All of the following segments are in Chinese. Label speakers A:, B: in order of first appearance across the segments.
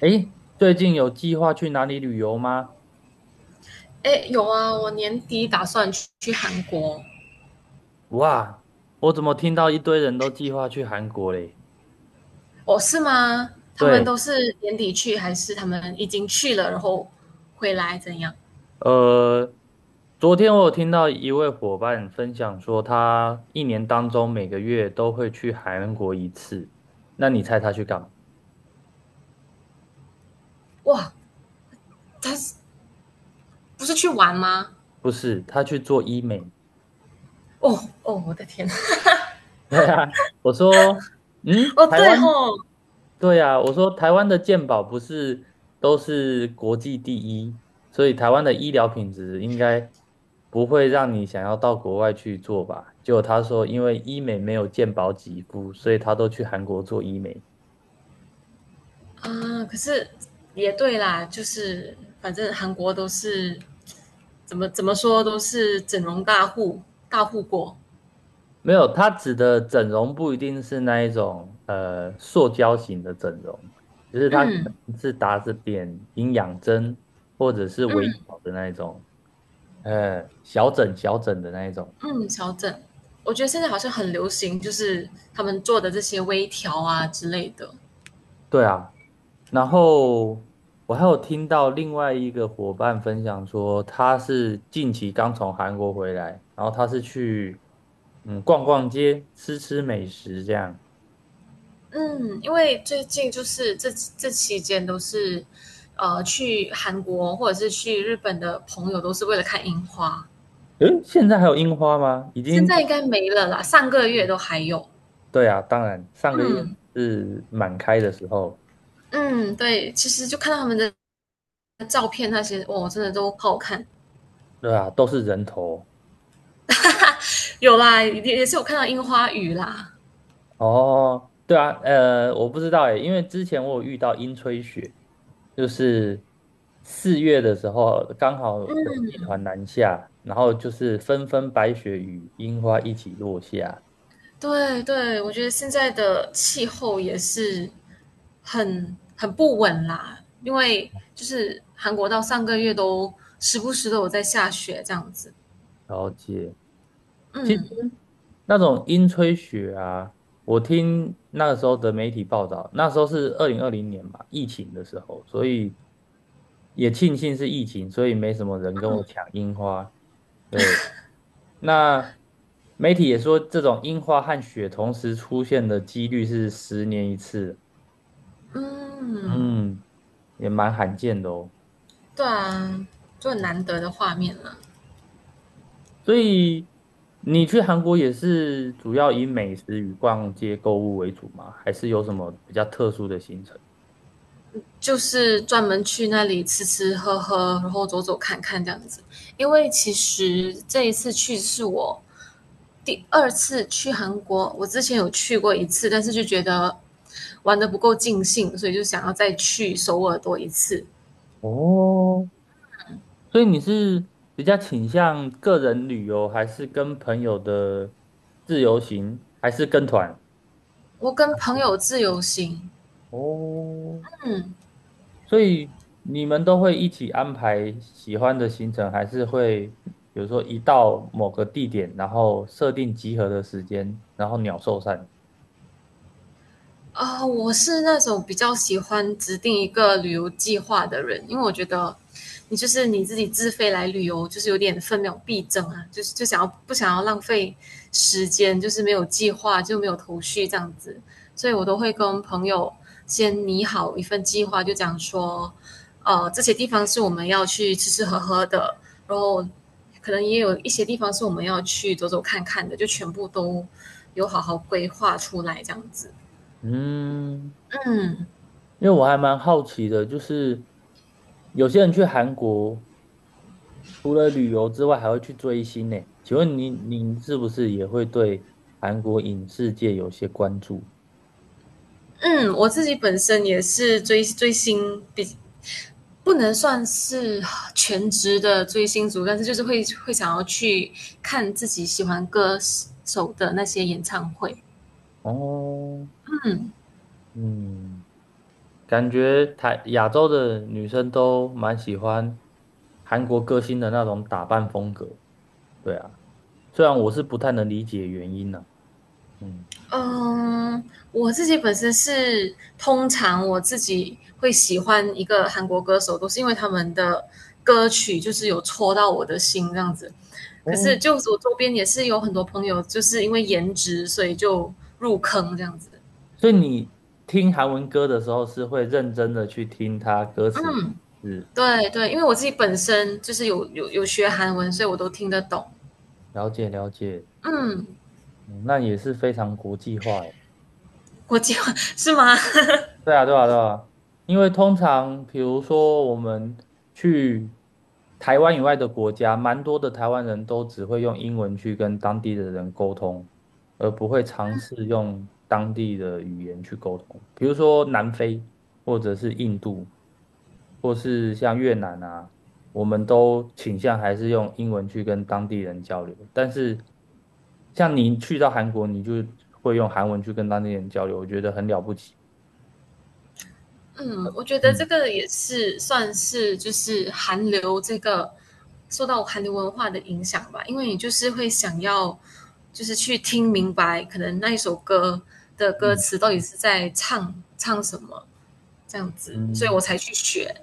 A: 诶，最近有计划去哪里旅游吗？
B: 哎，有啊，我年底打算去韩国。
A: 哇，我怎么听到一堆人都计划去韩国嘞？
B: 哦，是吗？他们
A: 对，
B: 都是年底去，还是他们已经去了，然后回来怎样？
A: 呃，昨天我有听到一位伙伴分享说，他一年当中每个月都会去韩国一次。那你猜他去干嘛？
B: 哇，他是不是去玩吗？
A: 不是，他去做医美。
B: 哦哦，我的天！
A: 对啊，我说，
B: 哦，
A: 台
B: 对
A: 湾
B: 吼，
A: 对呀，我说台湾的健保不是都是国际第一，所以台湾的医疗品质应该不会让你想要到国外去做吧？结果他说，因为医美没有健保给付，所以他都去韩国做医美。
B: 啊，可是也对啦，就是反正韩国都是怎么说都是整容大户国。
A: 没有，他指的整容不一定是那一种塑胶型的整容，只是他可
B: 嗯
A: 能是打着点营养针或者是微
B: 嗯
A: 调的那一种，小整小整的那一种。
B: 嗯，调整。我觉得现在好像很流行，就是他们做的这些微调啊之类的。
A: 对啊，然后我还有听到另外一个伙伴分享说，他是近期刚从韩国回来，然后他是去逛逛街、吃吃美食这样。
B: 嗯，因为最近就是这期间都是，去韩国或者是去日本的朋友都是为了看樱花，
A: 诶，现在还有樱花吗？已
B: 现
A: 经，
B: 在应该没了啦，上个月
A: 嗯
B: 都还有。
A: 对啊，当然，上个月
B: 嗯
A: 是满开的时候，
B: 嗯，对，其实就看到他们的照片那些，哇，真的都好好看。
A: 对啊，都是人头。
B: 有啦，也是有看到樱花雨啦。
A: 哦，对啊，我不知道诶，因为之前我有遇到樱吹雪。就是4月的时候，刚好冷气团南下，然后就是纷纷白雪与樱花一起落下。
B: 对对，我觉得现在的气候也是很不稳啦，因为就是韩国到上个月都时不时都有在下雪这样子。
A: 了解。其实
B: 嗯
A: 那种樱吹雪啊，我听那个时候的媒体报道，那时候是2020年嘛，疫情的时候，所以也庆幸是疫情，所以没什么人跟我抢樱花。对，那媒体也说，这种樱花和雪同时出现的几率是10年一次。
B: 嗯，
A: 嗯，也蛮罕见的哦。
B: 对啊，就很难得的画面了。
A: 所以你去韩国也是主要以美食与逛街购物为主吗？还是有什么比较特殊的行程？
B: 就是专门去那里吃吃喝喝，然后走走看看这样子。因为其实这一次去是我第二次去韩国，我之前有去过一次，但是就觉得玩的不够尽兴，所以就想要再去首尔多一次。
A: 哦，所以你是比较倾向个人旅游，还是跟朋友的自由行，还是跟团？
B: 我跟朋友自由行，
A: 哦，所以你们都会一起安排喜欢的行程，还是会比如说一到某个地点，然后设定集合的时间，然后鸟兽散？
B: 我是那种比较喜欢制定一个旅游计划的人，因为我觉得你就是你自己自费来旅游，就是有点分秒必争啊，就是就想要不想要浪费时间，就是没有计划就没有头绪这样子，所以我都会跟朋友先拟好一份计划，就讲说，这些地方是我们要去吃吃喝喝的，然后可能也有一些地方是我们要去走走看看的，就全部都有好好规划出来这样子，
A: 嗯，
B: 嗯。
A: 因为我还蛮好奇的，就是有些人去韩国除了旅游之外，还会去追星呢。请问您是不是也会对韩国影视界有些关注？
B: 嗯，我自己本身也是追追星，不能算是全职的追星族，但是就是会想要去看自己喜欢歌手的那些演唱会。
A: 哦，嗯，感觉台亚洲的女生都蛮喜欢韩国歌星的那种打扮风格。对啊，虽然我是不太能理解原因呢、嗯，
B: 嗯，我自己本身是通常我自己会喜欢一个韩国歌手，都是因为他们的歌曲就是有戳到我的心这样子。可是
A: 哦，
B: 就我周边也是有很多朋友，就是因为颜值，所以就入坑这样子。
A: 所以你听韩文歌的时候是会认真的去听他歌词的是
B: 对对，因为我自己本身就是有学韩文，所以我都听得懂。
A: 了解了解，
B: 嗯，
A: 嗯那也是非常国际化。
B: 国际化 是吗？
A: 对啊，对啊，对啊，因为通常比如说我们去台湾以外的国家，蛮多的台湾人都只会用英文去跟当地的人沟通，而不会尝试用当地的语言去沟通。比如说南非，或者是印度，或是像越南啊，我们都倾向还是用英文去跟当地人交流。但是像你去到韩国，你就会用韩文去跟当地人交流，我觉得很了不起。
B: 嗯，我觉得这
A: 嗯。
B: 个也是算是就是韩流这个受到韩流文化的影响吧，因为你就是会想要就是去听明白，可能那一首歌的歌
A: 嗯
B: 词到底是在唱什么这样子，所以我
A: 嗯，
B: 才去学。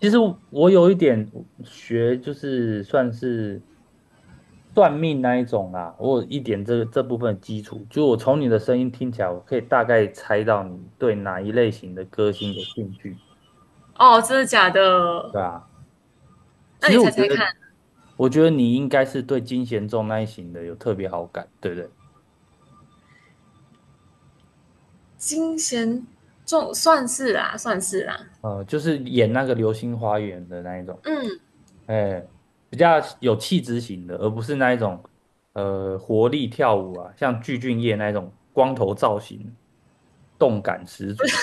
A: 其实我有一点学，就是算是算命那一种啦，我有一点这个这部分的基础，就我从你的声音听起来，我可以大概猜到你对哪一类型的歌星有兴趣，
B: 哦，真的假的？
A: 对啊，
B: 那
A: 其实
B: 你
A: 我
B: 猜
A: 觉
B: 猜看，
A: 得，我觉得你应该是对金贤重那一型的有特别好感，对不对？
B: 金贤重算是啦，算是啦，
A: 呃，就是演那个《流星花园》的那一种，
B: 嗯。
A: 哎，比较有气质型的，而不是那一种活力跳舞啊，像具俊晔那一种光头造型，动感十足。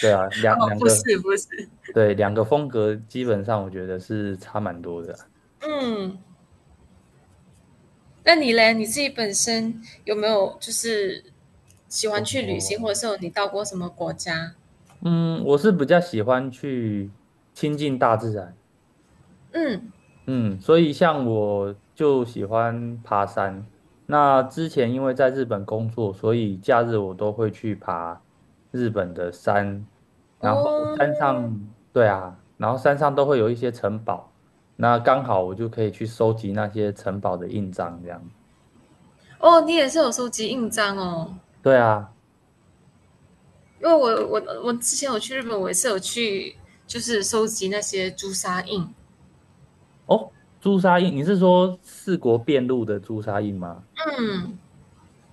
A: 对啊，两
B: 哦，
A: 两
B: 不
A: 个
B: 是不是，
A: 对两个风格基本上我觉得是差蛮多的啊。
B: 嗯，那你嘞？你自己本身有没有就是喜欢去旅行，
A: 哦，
B: 或者是有你到过什么国家？
A: 嗯，我是比较喜欢去亲近大自然。
B: 嗯，
A: 嗯，所以像我就喜欢爬山。那之前因为在日本工作，所以假日我都会去爬日本的山。然后
B: 哦，
A: 山上，对啊，然后山上都会有一些城堡，那刚好我就可以去收集那些城堡的印章，这样。
B: 哦，你也是有收集印章哦，
A: 对啊，
B: 因为我之前有去日本，我也是有去就是收集那些朱砂印。
A: 哦，朱砂印，你是说四国遍路的朱砂印吗？
B: 嗯，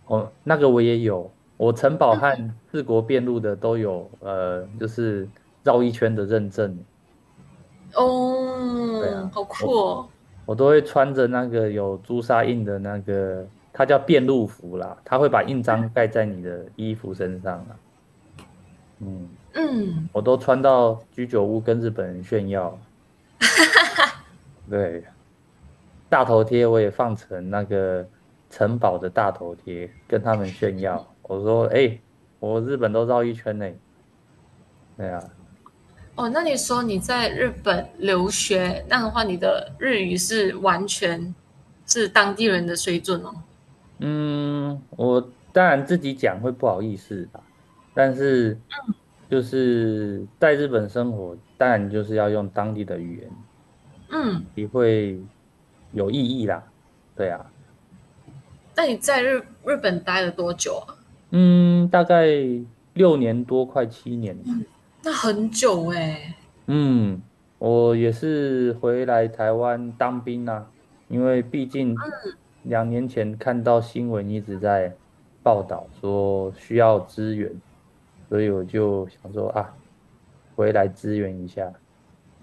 A: 哦，那个我也有，我城堡和四国遍路的都有，就是绕一圈的认证。对
B: 哦，
A: 啊，
B: 好酷
A: 我
B: 哦。
A: 我都会穿着那个有朱砂印的那个，它叫遍路服啦，它会把印章盖在你的衣服身上啊。嗯，
B: 嗯，
A: 我都穿到居酒屋跟日本人炫耀。对，大头贴我也放成那个城堡的大头贴，跟他们炫耀。我说，哎、我日本都绕一圈呢、对啊，
B: 哦，那你说你在日本留学，那的话，你的日语是完全是当地人的水准哦。
A: 嗯，我当然自己讲会不好意思啦，但是就是在日本生活，当然就是要用当地的语言，
B: 嗯，
A: 也会有意义啦。对啊，
B: 那你在日本待了多久啊？
A: 嗯，大概6年多，快7年，
B: 那很久哎、
A: 嗯，我也是回来台湾当兵啦、因为毕竟2年前看到新闻一直在报道说需要支援，所以我就想说啊，回来支援一下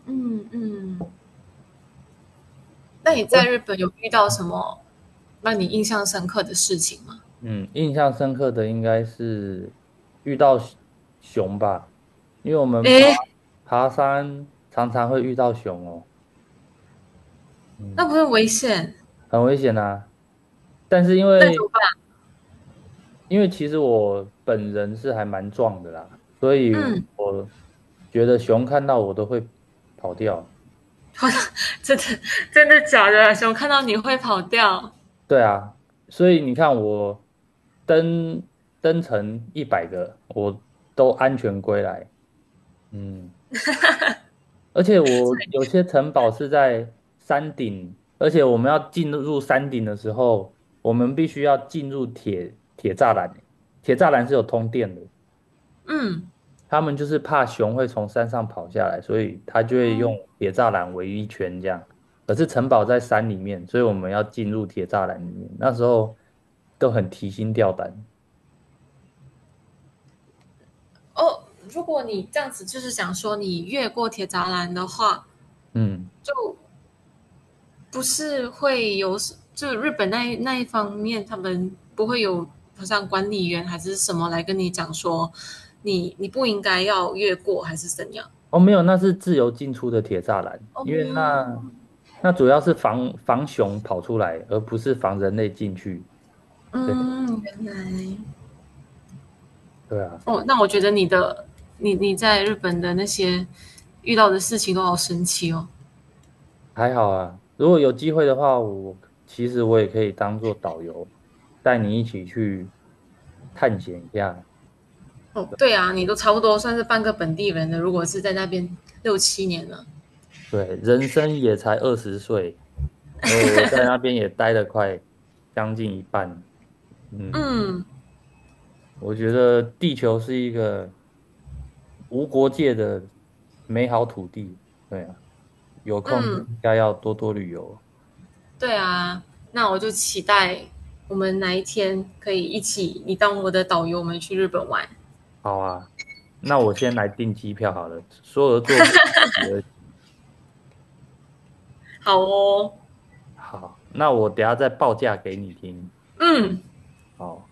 B: 嗯嗯，那
A: 啊。
B: 你
A: 不过，
B: 在日本有遇到什么让你印象深刻的事情吗？
A: 嗯，印象深刻的应该是遇到熊吧，因为我们爬
B: 诶，
A: 爬山常常会遇到熊哦，
B: 那
A: 嗯，
B: 不是危险，
A: 很危险啊。但是因
B: 那怎
A: 为
B: 么办？
A: 其实我本人是还蛮壮的啦，所以
B: 嗯，
A: 我觉得熊看到我都会跑掉。
B: 我 真的真的假的？熊看到你会跑掉？
A: 对啊，所以你看我登登城100个，我都安全归来。嗯，而且我有些城堡是在山顶，而且我们要进入山顶的时候，我们必须要进入铁栅栏是有通电的。
B: 嗯
A: 他们就是怕熊会从山上跑下来，所以他就会用
B: 嗯
A: 铁栅栏围一圈这样。可是城堡在山里面，所以我们要进入铁栅栏里面。那时候都很提心吊胆。
B: 哦，如果你这样子就是想说你越过铁栅栏的话，
A: 嗯，
B: 就不是会有就日本那一方面，他们不会有好像管理员还是什么来跟你讲说你不应该要越过还是怎样？
A: 哦，没有，那是自由进出的铁栅栏，因为
B: 哦，
A: 那那主要是防熊跑出来，而不是防人类进去。对
B: 嗯，原来
A: 对啊，
B: 哦，那我觉得你的你在日本的那些遇到的事情都好神奇哦。
A: 还好啊。如果有机会的话，其实我也可以当做导游，带你一起去探险一下。
B: 哦，对啊，你都差不多算是半个本地人了，如果是在那边六七年了，
A: 对，人生也才20岁，然后我在那边也待了快将近一半。嗯，
B: 嗯
A: 我觉得地球是一个无国界的美好土地。对啊，有空就
B: 嗯。
A: 应该要多多旅游。
B: 对啊，那我就期待我们哪一天可以一起，你当我的导游，我们去日本玩。
A: 好啊，那我先来订机票好了。说而做不及而行
B: 好哦，
A: 好，那我等下再报价给你听。
B: 嗯，
A: 好。